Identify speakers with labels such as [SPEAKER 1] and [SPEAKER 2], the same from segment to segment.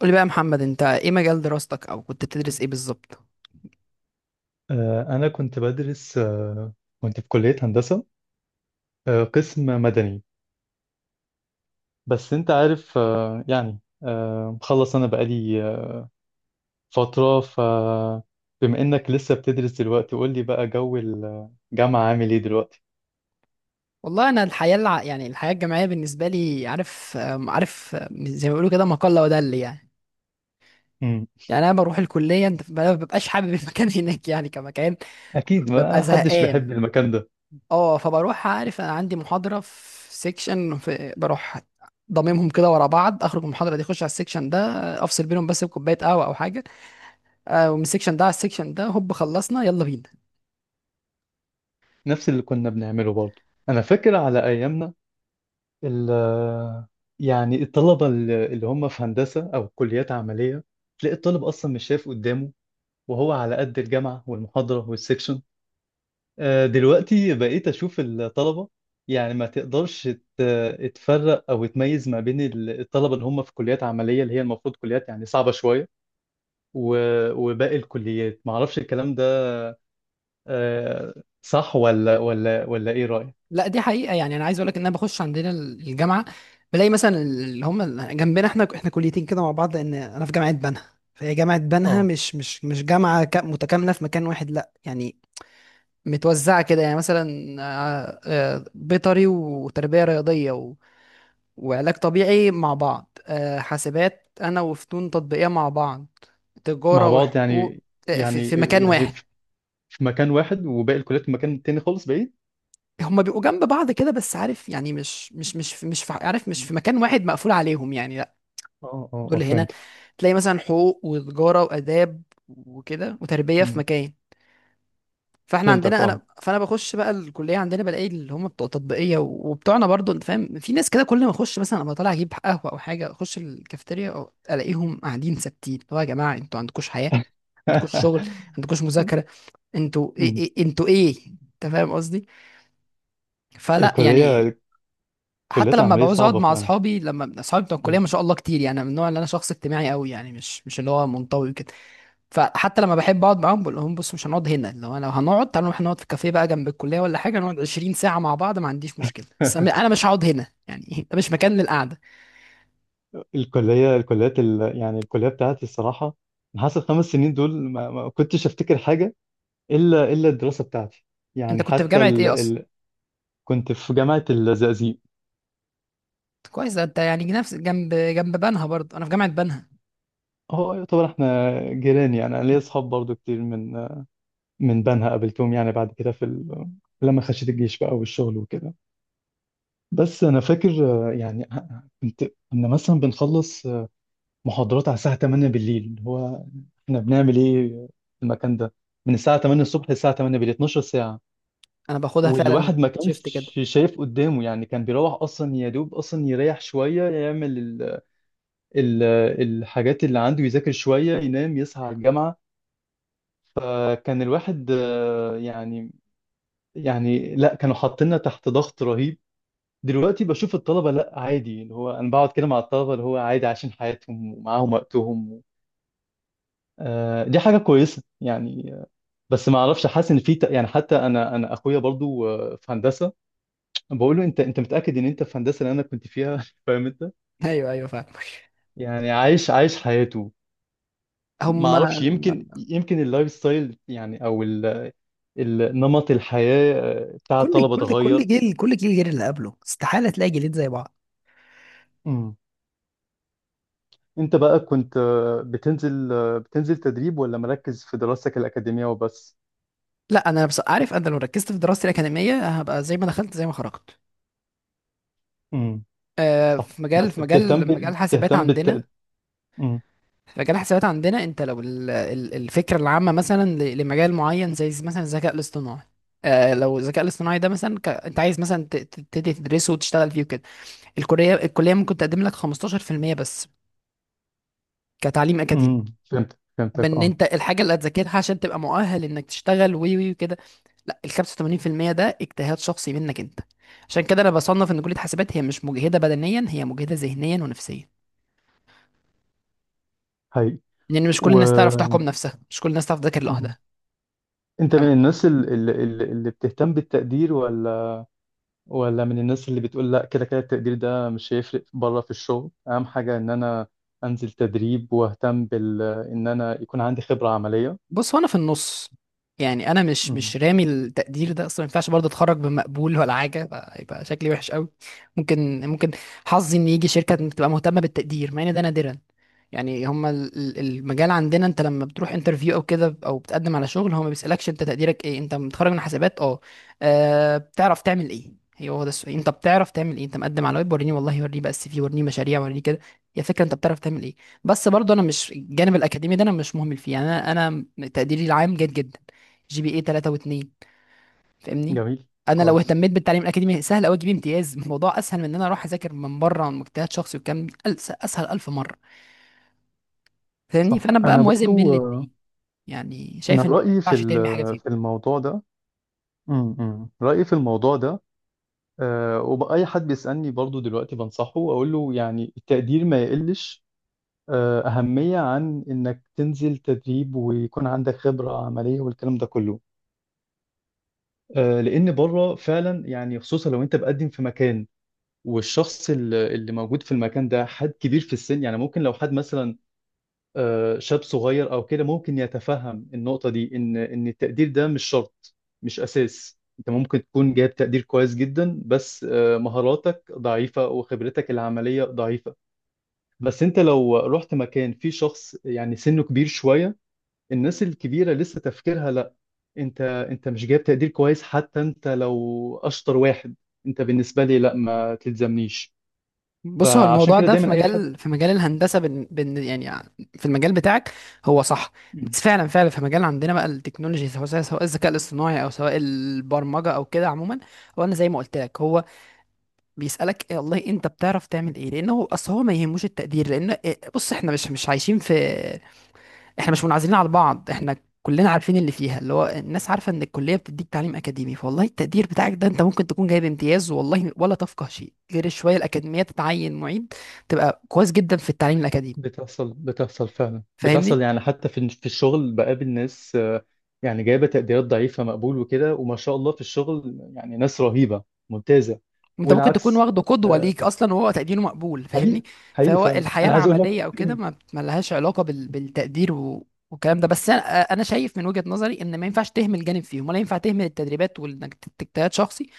[SPEAKER 1] قولي بقى يا محمد، انت ايه مجال دراستك او كنت بتدرس ايه بالظبط؟
[SPEAKER 2] أنا كنت بدرس كنت في كلية هندسة، قسم مدني. بس أنت عارف، مخلص أنا بقالي فترة. فبما إنك لسه بتدرس دلوقتي، قول لي بقى، جو الجامعة عامل إيه دلوقتي؟
[SPEAKER 1] والله انا يعني الحياه الجامعيه بالنسبه لي، عارف آم، عارف آم، زي ما بيقولوا كده، ما قل ودل. يعني
[SPEAKER 2] مم.
[SPEAKER 1] يعني انا بروح الكليه، انت ما ببقاش حابب المكان هناك يعني، كمكان
[SPEAKER 2] أكيد
[SPEAKER 1] ببقى
[SPEAKER 2] ما حدش
[SPEAKER 1] زهقان.
[SPEAKER 2] بيحب المكان ده.
[SPEAKER 1] اه، فبروح، عارف، انا عندي محاضره في سيكشن بروح ضممهم كده ورا بعض، اخرج من المحاضره دي اخش على السيكشن ده، افصل بينهم بس بكوبايه قهوه او حاجه. ومن السيكشن ده على السيكشن ده هوب خلصنا، يلا بينا.
[SPEAKER 2] نفس اللي كنا بنعمله برضه. أنا فاكر على أيامنا ال يعني الطلبة اللي هم في هندسة أو كليات عملية، تلاقي الطالب أصلا مش شايف قدامه وهو على قد الجامعة والمحاضرة والسكشن. دلوقتي بقيت أشوف الطلبة، يعني ما تقدرش تفرق أو تميز ما بين الطلبة اللي هم في كليات عملية اللي هي المفروض كليات يعني صعبة شوية، وباقي الكليات معرفش الكلام ده. آه، صح ولا ولا إيه رأيك؟
[SPEAKER 1] لا، دي حقيقه. يعني انا عايز اقول لك ان انا بخش عندنا الجامعه، بلاقي مثلا اللي هم جنبنا، احنا كليتين كده مع بعض، لان انا في جامعه بنها. فهي جامعه بنها
[SPEAKER 2] اه.
[SPEAKER 1] مش جامعه متكامله في مكان واحد، لا يعني، متوزعه كده يعني. مثلا آه، بيطري وتربيه رياضيه وعلاج طبيعي مع بعض، حاسبات انا وفنون تطبيقية مع بعض،
[SPEAKER 2] مع
[SPEAKER 1] تجارة
[SPEAKER 2] بعض
[SPEAKER 1] وحقوق
[SPEAKER 2] يعني.
[SPEAKER 1] في
[SPEAKER 2] يعني
[SPEAKER 1] في مكان
[SPEAKER 2] يعني
[SPEAKER 1] واحد.
[SPEAKER 2] في، في مكان واحد، وباقي الكليات في مكان تاني خالص بعيد؟
[SPEAKER 1] هما بيبقوا جنب بعض كده بس، عارف يعني مش في، عارف، مش في مكان واحد مقفول عليهم يعني، لا.
[SPEAKER 2] اه. اه
[SPEAKER 1] دول هنا
[SPEAKER 2] فهمتك.
[SPEAKER 1] تلاقي مثلا حقوق وتجارة وآداب وكده وتربية في
[SPEAKER 2] مم.
[SPEAKER 1] مكان. فاحنا
[SPEAKER 2] فهمتك،
[SPEAKER 1] عندنا
[SPEAKER 2] اه.
[SPEAKER 1] انا، فانا بخش بقى الكليه عندنا بلاقي اللي هم بتوع تطبيقيه وبتوعنا برضو، انت فاهم. في ناس كده كل ما اخش مثلا، ابقى طالع اجيب قهوه او حاجه اخش الكافيتيريا، الاقيهم قاعدين ثابتين، اللي هو يا جماعه انتوا عندكوش حياه؟ عندكوش شغل؟ عندكوش مذاكره؟ انتوا ايه؟
[SPEAKER 2] مم.
[SPEAKER 1] انت فاهم قصدي. فلا يعني.
[SPEAKER 2] الكلية،
[SPEAKER 1] حتى
[SPEAKER 2] الكليات
[SPEAKER 1] لما
[SPEAKER 2] العملية
[SPEAKER 1] بعوز اقعد
[SPEAKER 2] صعبة
[SPEAKER 1] مع
[SPEAKER 2] فعلا.
[SPEAKER 1] اصحابي، لما اصحابي بتوع الكليه
[SPEAKER 2] مم.
[SPEAKER 1] ما شاء الله كتير يعني، أنا من النوع اللي انا شخص اجتماعي قوي يعني، مش اللي هو منطوي كده. فحتى لما بحب اقعد معاهم بقول لهم: بص، مش هنقعد هنا، لو انا لو هنقعد، تعالوا نروح نقعد في كافيه بقى جنب الكليه ولا حاجه، نقعد 20 ساعه مع بعض ما عنديش مشكله، بس انا، مش هقعد هنا يعني، ده مش مكان للقعده.
[SPEAKER 2] الكلية الكليات ال... يعني الكلية بتاعتي الصراحة، أنا حاسس ال 5 سنين دول ما كنتش أفتكر حاجة إلا الدراسة بتاعتي،
[SPEAKER 1] انت
[SPEAKER 2] يعني
[SPEAKER 1] كنت في
[SPEAKER 2] حتى
[SPEAKER 1] جامعه ايه اصلا؟
[SPEAKER 2] كنت في جامعة الزقازيق.
[SPEAKER 1] كويس، ده انت يعني نفس، جنب، بنها برضه، انا في جامعه بنها.
[SPEAKER 2] هو يعتبر احنا جيران يعني. أنا ليا أصحاب برضو كتير من من بنها، قابلتهم يعني بعد كده في لما خشيت الجيش بقى والشغل وكده. بس أنا فاكر، آه، يعني كنت كنا مثلا بنخلص محاضرات على الساعة 8 بالليل. هو احنا بنعمل ايه في المكان ده من الساعة 8 الصبح للساعة 8 بالليل، 12 ساعة.
[SPEAKER 1] انا باخدها فعلا
[SPEAKER 2] والواحد ما
[SPEAKER 1] شيفت كده.
[SPEAKER 2] كانش شايف قدامه يعني، كان بيروح اصلا يا دوب اصلا يريح شوية، يعمل ال ال الحاجات اللي عنده، يذاكر شوية، ينام، يصحى على الجامعة. فكان الواحد لا، كانوا حاطيننا تحت ضغط رهيب. دلوقتي بشوف الطلبة لا عادي، اللي هو انا بقعد كده مع الطلبة اللي هو عادي، عايشين حياتهم ومعاهم وقتهم. دي حاجة كويسة يعني. بس ما اعرفش، حاسس ان في حتى انا، اخويا برضو في هندسه، بقول له انت متاكد ان انت في هندسه اللي انا كنت فيها؟ فاهم انت،
[SPEAKER 1] ايوه، ايوه، فعلا.
[SPEAKER 2] يعني عايش حياته.
[SPEAKER 1] هم.
[SPEAKER 2] ما اعرفش، يمكن اللايف ستايل يعني، او نمط الحياه بتاع
[SPEAKER 1] كل
[SPEAKER 2] الطلبه
[SPEAKER 1] كل كل
[SPEAKER 2] اتغير.
[SPEAKER 1] جيل كل جيل غير اللي قبله، استحاله تلاقي جيلين زي بعض.
[SPEAKER 2] مم. انت بقى كنت بتنزل، بتنزل تدريب، ولا مركز في دراستك الاكاديميه وبس؟
[SPEAKER 1] لا انا بس، عارف، انا لو ركزت في دراستي الاكاديميه هبقى زي ما دخلت زي ما خرجت.
[SPEAKER 2] امم. صح،
[SPEAKER 1] في مجال
[SPEAKER 2] بس
[SPEAKER 1] في
[SPEAKER 2] بتهتم
[SPEAKER 1] مجال
[SPEAKER 2] ب...
[SPEAKER 1] مجال حاسبات
[SPEAKER 2] بتهتم
[SPEAKER 1] عندنا.
[SPEAKER 2] امم.
[SPEAKER 1] فجراحة حسابات عندنا، انت لو الفكرة العامة مثلا لمجال معين، زي مثلا الذكاء الاصطناعي، آه لو الذكاء الاصطناعي ده مثلا انت عايز مثلا تبتدي تدرسه وتشتغل فيه وكده، الكلية ممكن تقدم لك 15% بس، كتعليم اكاديمي،
[SPEAKER 2] امم، فهمت، فهمتك،
[SPEAKER 1] بان
[SPEAKER 2] اه.
[SPEAKER 1] انت الحاجة اللي هتذاكرها عشان تبقى مؤهل انك تشتغل وي وي وكده. لا، ال 85% ده اجتهاد شخصي منك انت. عشان كده انا بصنف ان كلية حاسبات هي مش مجهدة بدنيا، هي مجهدة ذهنيا ونفسيا،
[SPEAKER 2] هاي.
[SPEAKER 1] لان مش
[SPEAKER 2] و.
[SPEAKER 1] كل الناس تعرف تحكم نفسها، مش كل الناس تعرف تذاكر
[SPEAKER 2] مم.
[SPEAKER 1] لوحدها.
[SPEAKER 2] انت من الناس اللي بتهتم بالتقدير، ولا من الناس اللي بتقول لا، كده كده التقدير ده مش هيفرق، بره في الشغل اهم حاجة ان انا انزل تدريب واهتم بال، ان انا يكون عندي خبرة عملية؟
[SPEAKER 1] بص، هو انا في النص. يعني انا مش
[SPEAKER 2] امم.
[SPEAKER 1] مش رامي التقدير ده اصلا، ما ينفعش برضه اتخرج بمقبول ولا حاجه، يبقى شكلي وحش قوي. ممكن، حظي ان يجي شركه تبقى مهتمه بالتقدير، مع ان ده نادرا. يعني هما المجال عندنا، انت لما بتروح انترفيو او كده او بتقدم على شغل، هو ما بيسألكش انت تقديرك ايه. انت متخرج من حسابات، اه، بتعرف تعمل ايه، هو ده السؤال: انت بتعرف تعمل ايه؟ انت مقدم على ويب، وريني، والله وريني بقى السي في، وريني مشاريع، وريني كده، يا فكره انت بتعرف تعمل ايه. بس برضه انا مش الجانب الاكاديمي ده انا مش مهمل فيه يعني، انا تقديري العام جيد جدا، GPA 3 و2، فاهمني.
[SPEAKER 2] جميل.
[SPEAKER 1] انا لو
[SPEAKER 2] كويس.
[SPEAKER 1] اهتميت بالتعليم الاكاديمي سهل قوي اجيب امتياز، الموضوع اسهل من ان انا اروح اذاكر من بره، عن مجتهد شخصي والكلام ده اسهل الف مره، فاهمني.
[SPEAKER 2] صح.
[SPEAKER 1] فانا بقى
[SPEAKER 2] انا
[SPEAKER 1] موازن بين
[SPEAKER 2] برضو،
[SPEAKER 1] الاثنين، يعني
[SPEAKER 2] انا
[SPEAKER 1] شايف ان ما
[SPEAKER 2] رأيي في
[SPEAKER 1] ينفعش ترمي حاجه فيهم.
[SPEAKER 2] في الموضوع ده، امم، رأيي في الموضوع ده، وبأي حد بيسألني برضو دلوقتي بنصحه، اقول له يعني التقدير ما يقلش أهمية عن إنك تنزل تدريب ويكون عندك خبرة عملية والكلام ده كله. لأن بره فعلا يعني، خصوصا لو أنت بقدم في مكان والشخص اللي موجود في المكان ده حد كبير في السن. يعني ممكن لو حد مثلا شاب صغير أو كده ممكن يتفهم النقطة دي، إن التقدير ده مش شرط، مش أساس. أنت ممكن تكون جايب تقدير كويس جدا بس مهاراتك ضعيفة وخبرتك العملية ضعيفة. بس أنت لو رحت مكان فيه شخص يعني سنه كبير شوية، الناس الكبيرة لسه تفكيرها لا، انت مش جايب تقدير كويس، حتى انت لو اشطر واحد، انت بالنسبة لي لا، ما تلزمنيش.
[SPEAKER 1] بص هو
[SPEAKER 2] فعشان
[SPEAKER 1] الموضوع
[SPEAKER 2] كده
[SPEAKER 1] ده في
[SPEAKER 2] دايما اي حد.
[SPEAKER 1] مجال في مجال الهندسه، بن بن يعني في المجال بتاعك هو صح،
[SPEAKER 2] مم.
[SPEAKER 1] بس فعلا فعلا في مجال عندنا بقى التكنولوجي، سواء الذكاء الاصطناعي او سواء البرمجه او كده عموما. هو انا زي ما قلت لك، هو بيسالك إيه؟ والله انت بتعرف تعمل ايه، لانه اصل هو ما يهموش التقدير، لان إيه، بص احنا مش عايشين في، احنا مش منعزلين على بعض، احنا كلنا عارفين اللي فيها، اللي هو الناس عارفه ان الكليه بتديك تعليم اكاديمي، فوالله التقدير بتاعك ده انت ممكن تكون جايب امتياز والله، ولا تفقه شيء غير الشويه الاكاديميه، تتعين معيد، تبقى كويس جدا في التعليم الاكاديمي،
[SPEAKER 2] بتحصل، فعلا
[SPEAKER 1] فاهمني.
[SPEAKER 2] بتحصل، يعني حتى في في الشغل بقابل ناس يعني جايبة تقديرات ضعيفة، مقبول وكده، وما شاء الله في الشغل يعني ناس رهيبة ممتازة.
[SPEAKER 1] انت ممكن تكون
[SPEAKER 2] والعكس.
[SPEAKER 1] واخده قدوه
[SPEAKER 2] آه،
[SPEAKER 1] ليك اصلا وهو تقديره مقبول، فاهمني.
[SPEAKER 2] حقيقي، حقيقي
[SPEAKER 1] فهو
[SPEAKER 2] فعلا.
[SPEAKER 1] الحياه
[SPEAKER 2] انا عايز اقول لك،
[SPEAKER 1] العمليه او كده ما لهاش علاقه بالتقدير والكلام ده، بس انا شايف من وجهه نظري ان ما ينفعش تهمل جانب فيهم، ولا ينفع تهمل التدريبات وانك تجتهد شخصي،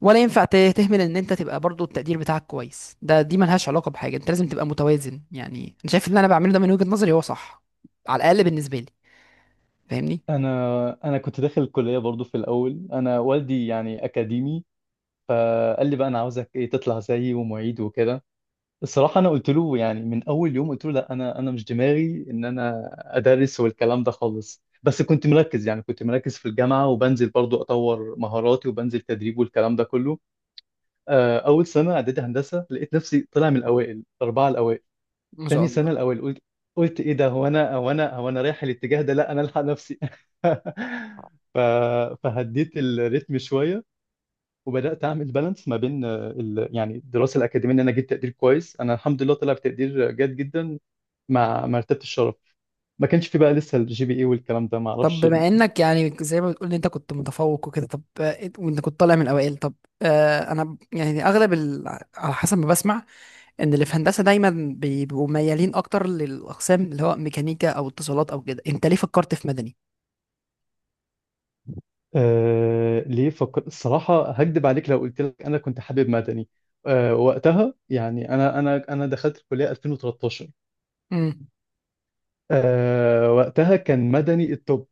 [SPEAKER 1] ولا ينفع تهمل ان انت تبقى برضو التقدير بتاعك كويس ده، دي ملهاش علاقه بحاجه، انت لازم تبقى متوازن يعني. انا شايف اللي انا بعمله ده من وجهه نظري هو صح، على الاقل بالنسبه لي، فاهمني.
[SPEAKER 2] انا كنت داخل الكلية برضو في الاول. انا والدي يعني اكاديمي، فقال لي بقى، انا عاوزك ايه تطلع زيي ومعيد وكده. الصراحه انا قلت له يعني من اول يوم قلت له لا، انا مش دماغي ان انا ادرس والكلام ده خالص، بس كنت مركز. يعني كنت مركز في الجامعه، وبنزل برضو اطور مهاراتي وبنزل تدريب والكلام ده كله. اول سنه اعدادي هندسه لقيت نفسي طلع من الاوائل، الاربعه الاوائل.
[SPEAKER 1] ما شاء
[SPEAKER 2] تاني
[SPEAKER 1] الله.
[SPEAKER 2] سنه الاوائل، قلت ايه ده، هو انا، هو انا رايح الاتجاه ده؟ لا، انا الحق نفسي. ف... فهديت الريتم شويه، وبدات اعمل بالانس ما بين، آه، ال... يعني الدراسه الاكاديميه ان انا جبت تقدير كويس. انا الحمد لله طلع بتقدير جيد جدا مع مرتبه الشرف. ما كانش في بقى لسه الجي بي اي والكلام ده، ما
[SPEAKER 1] طب
[SPEAKER 2] اعرفش.
[SPEAKER 1] بما انك يعني زي ما بتقول ان انت كنت متفوق وكده، طب، وانت كنت طالع من الاوائل، طب، انا يعني اغلب على حسب ما بسمع ان اللي في هندسه دايما بيبقوا ميالين اكتر للاقسام، اللي هو ميكانيكا او اتصالات او كده، انت ليه فكرت في مدني؟
[SPEAKER 2] آه، ليه فكر؟ الصراحه هكدب عليك لو قلت لك انا كنت حابب مدني. آه وقتها يعني انا، دخلت الكليه 2013.
[SPEAKER 1] امم
[SPEAKER 2] آه وقتها كان مدني التوب،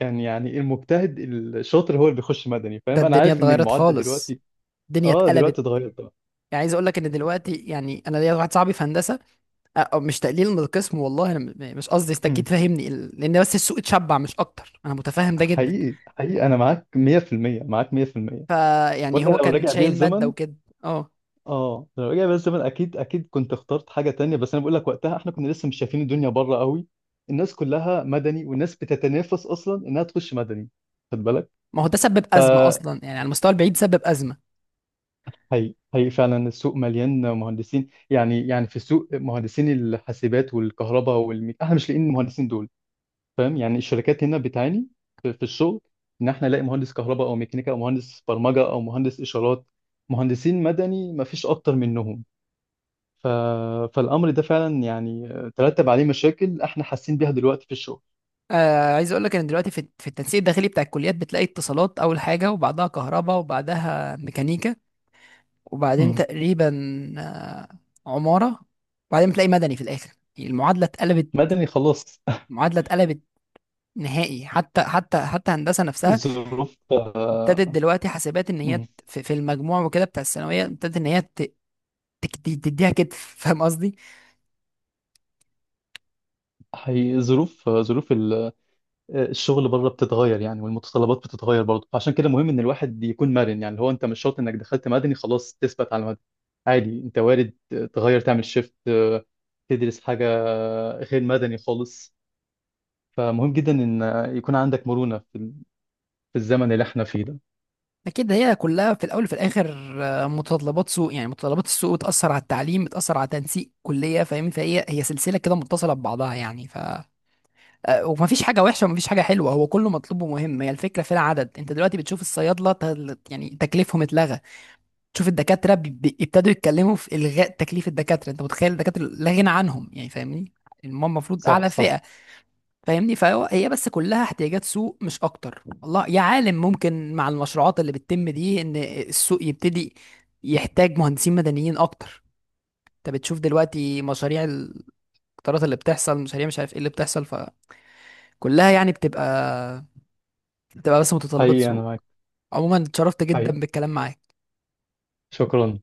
[SPEAKER 2] كان يعني المجتهد الشاطر هو اللي بيخش مدني.
[SPEAKER 1] ده
[SPEAKER 2] فاهم، انا
[SPEAKER 1] الدنيا
[SPEAKER 2] عارف ان
[SPEAKER 1] اتغيرت
[SPEAKER 2] المعادله
[SPEAKER 1] خالص،
[SPEAKER 2] دلوقتي،
[SPEAKER 1] الدنيا
[SPEAKER 2] اه دلوقتي
[SPEAKER 1] اتقلبت.
[SPEAKER 2] اتغيرت.
[SPEAKER 1] يعني عايز اقول لك ان دلوقتي، يعني انا ليا واحد صاحبي في هندسه، أو مش تقليل من القسم، والله انا مش قصدي، انت
[SPEAKER 2] طبعا.
[SPEAKER 1] اكيد فاهمني، لان بس السوق اتشبع مش اكتر، انا متفاهم ده جدا،
[SPEAKER 2] حقيقي، حقيقي، انا معاك 100%، معاك 100%.
[SPEAKER 1] فيعني
[SPEAKER 2] وانا
[SPEAKER 1] هو
[SPEAKER 2] لو
[SPEAKER 1] كان
[SPEAKER 2] رجع بيا
[SPEAKER 1] شايل ماده
[SPEAKER 2] الزمن،
[SPEAKER 1] وكده. اه،
[SPEAKER 2] اه لو رجع بيا الزمن اكيد، كنت اخترت حاجه تانية، بس انا بقول لك وقتها احنا كنا لسه مش شايفين الدنيا بره قوي. الناس كلها مدني، والناس بتتنافس اصلا انها تخش مدني، خد بالك.
[SPEAKER 1] ما هو ده سبب ازمه اصلا يعني، على المستوى البعيد سبب ازمه.
[SPEAKER 2] هي فعلا، السوق مليان مهندسين، يعني في السوق مهندسين الحاسبات والكهرباء احنا مش لاقيين المهندسين دول. فاهم يعني الشركات هنا بتعاني في في الشغل، ان احنا نلاقي مهندس كهرباء او ميكانيكا او مهندس برمجه او مهندس اشارات. مهندسين مدني ما فيش اكتر منهم. ف... فالامر ده فعلا يعني ترتب عليه مشاكل احنا حاسين بيها دلوقتي في الشغل.
[SPEAKER 1] عايز اقول لك ان دلوقتي في التنسيق الداخلي بتاع الكليات بتلاقي اتصالات اول حاجه وبعدها كهرباء وبعدها ميكانيكا، وبعدين
[SPEAKER 2] امم.
[SPEAKER 1] تقريبا آه عماره، وبعدين بتلاقي مدني في الاخر. المعادله اتقلبت،
[SPEAKER 2] مدني خلاص.
[SPEAKER 1] المعادله اتقلبت نهائي، حتى هندسه نفسها
[SPEAKER 2] الظروف.
[SPEAKER 1] ابتدت دلوقتي حاسبات ان هي
[SPEAKER 2] امم.
[SPEAKER 1] في المجموع وكده بتاع الثانويه، ابتدت ان هي تديها كتف، فاهم قصدي؟
[SPEAKER 2] حقيقي، ظروف، ظروف الشغل بره بتتغير يعني، والمتطلبات بتتغير برضه. فعشان كده مهم ان الواحد يكون مرن، يعني اللي هو انت مش شرط انك دخلت مدني خلاص تثبت على مدني. عادي، انت وارد تغير، تعمل شيفت، تدرس حاجة غير مدني خالص. فمهم جدا ان يكون عندك مرونة في في الزمن اللي احنا فيه ده.
[SPEAKER 1] اكيد هي كلها في الاول وفي الاخر متطلبات سوق، يعني متطلبات السوق بتاثر على التعليم، بتاثر على تنسيق كليه، فاهم. فهي سلسله كده متصله ببعضها يعني، ف آه، ومفيش حاجه وحشه ومفيش حاجه حلوه، هو كله مطلوب ومهم، هي الفكره في العدد. انت دلوقتي بتشوف الصيادله يعني تكليفهم اتلغى، تشوف الدكاترة ابتدوا يتكلموا في إلغاء تكليف الدكاترة، أنت متخيل؟ الدكاترة لا غنى عنهم يعني، فاهمني. يعني هم المفروض
[SPEAKER 2] صح،
[SPEAKER 1] أعلى
[SPEAKER 2] صح.
[SPEAKER 1] فئة، فاهمني. فهو هي بس كلها احتياجات سوق مش أكتر، والله يا عالم ممكن مع المشروعات اللي بتتم دي إن السوق يبتدي يحتاج مهندسين مدنيين أكتر. أنت بتشوف دلوقتي مشاريع القطارات اللي بتحصل، مشاريع مش عارف إيه اللي بتحصل، فكلها يعني بتبقى بس متطلبات
[SPEAKER 2] حقيقي، انا
[SPEAKER 1] سوق.
[SPEAKER 2] معاك.
[SPEAKER 1] عموما، اتشرفت
[SPEAKER 2] حقيقي،
[SPEAKER 1] جدا بالكلام معاك.
[SPEAKER 2] شكرا.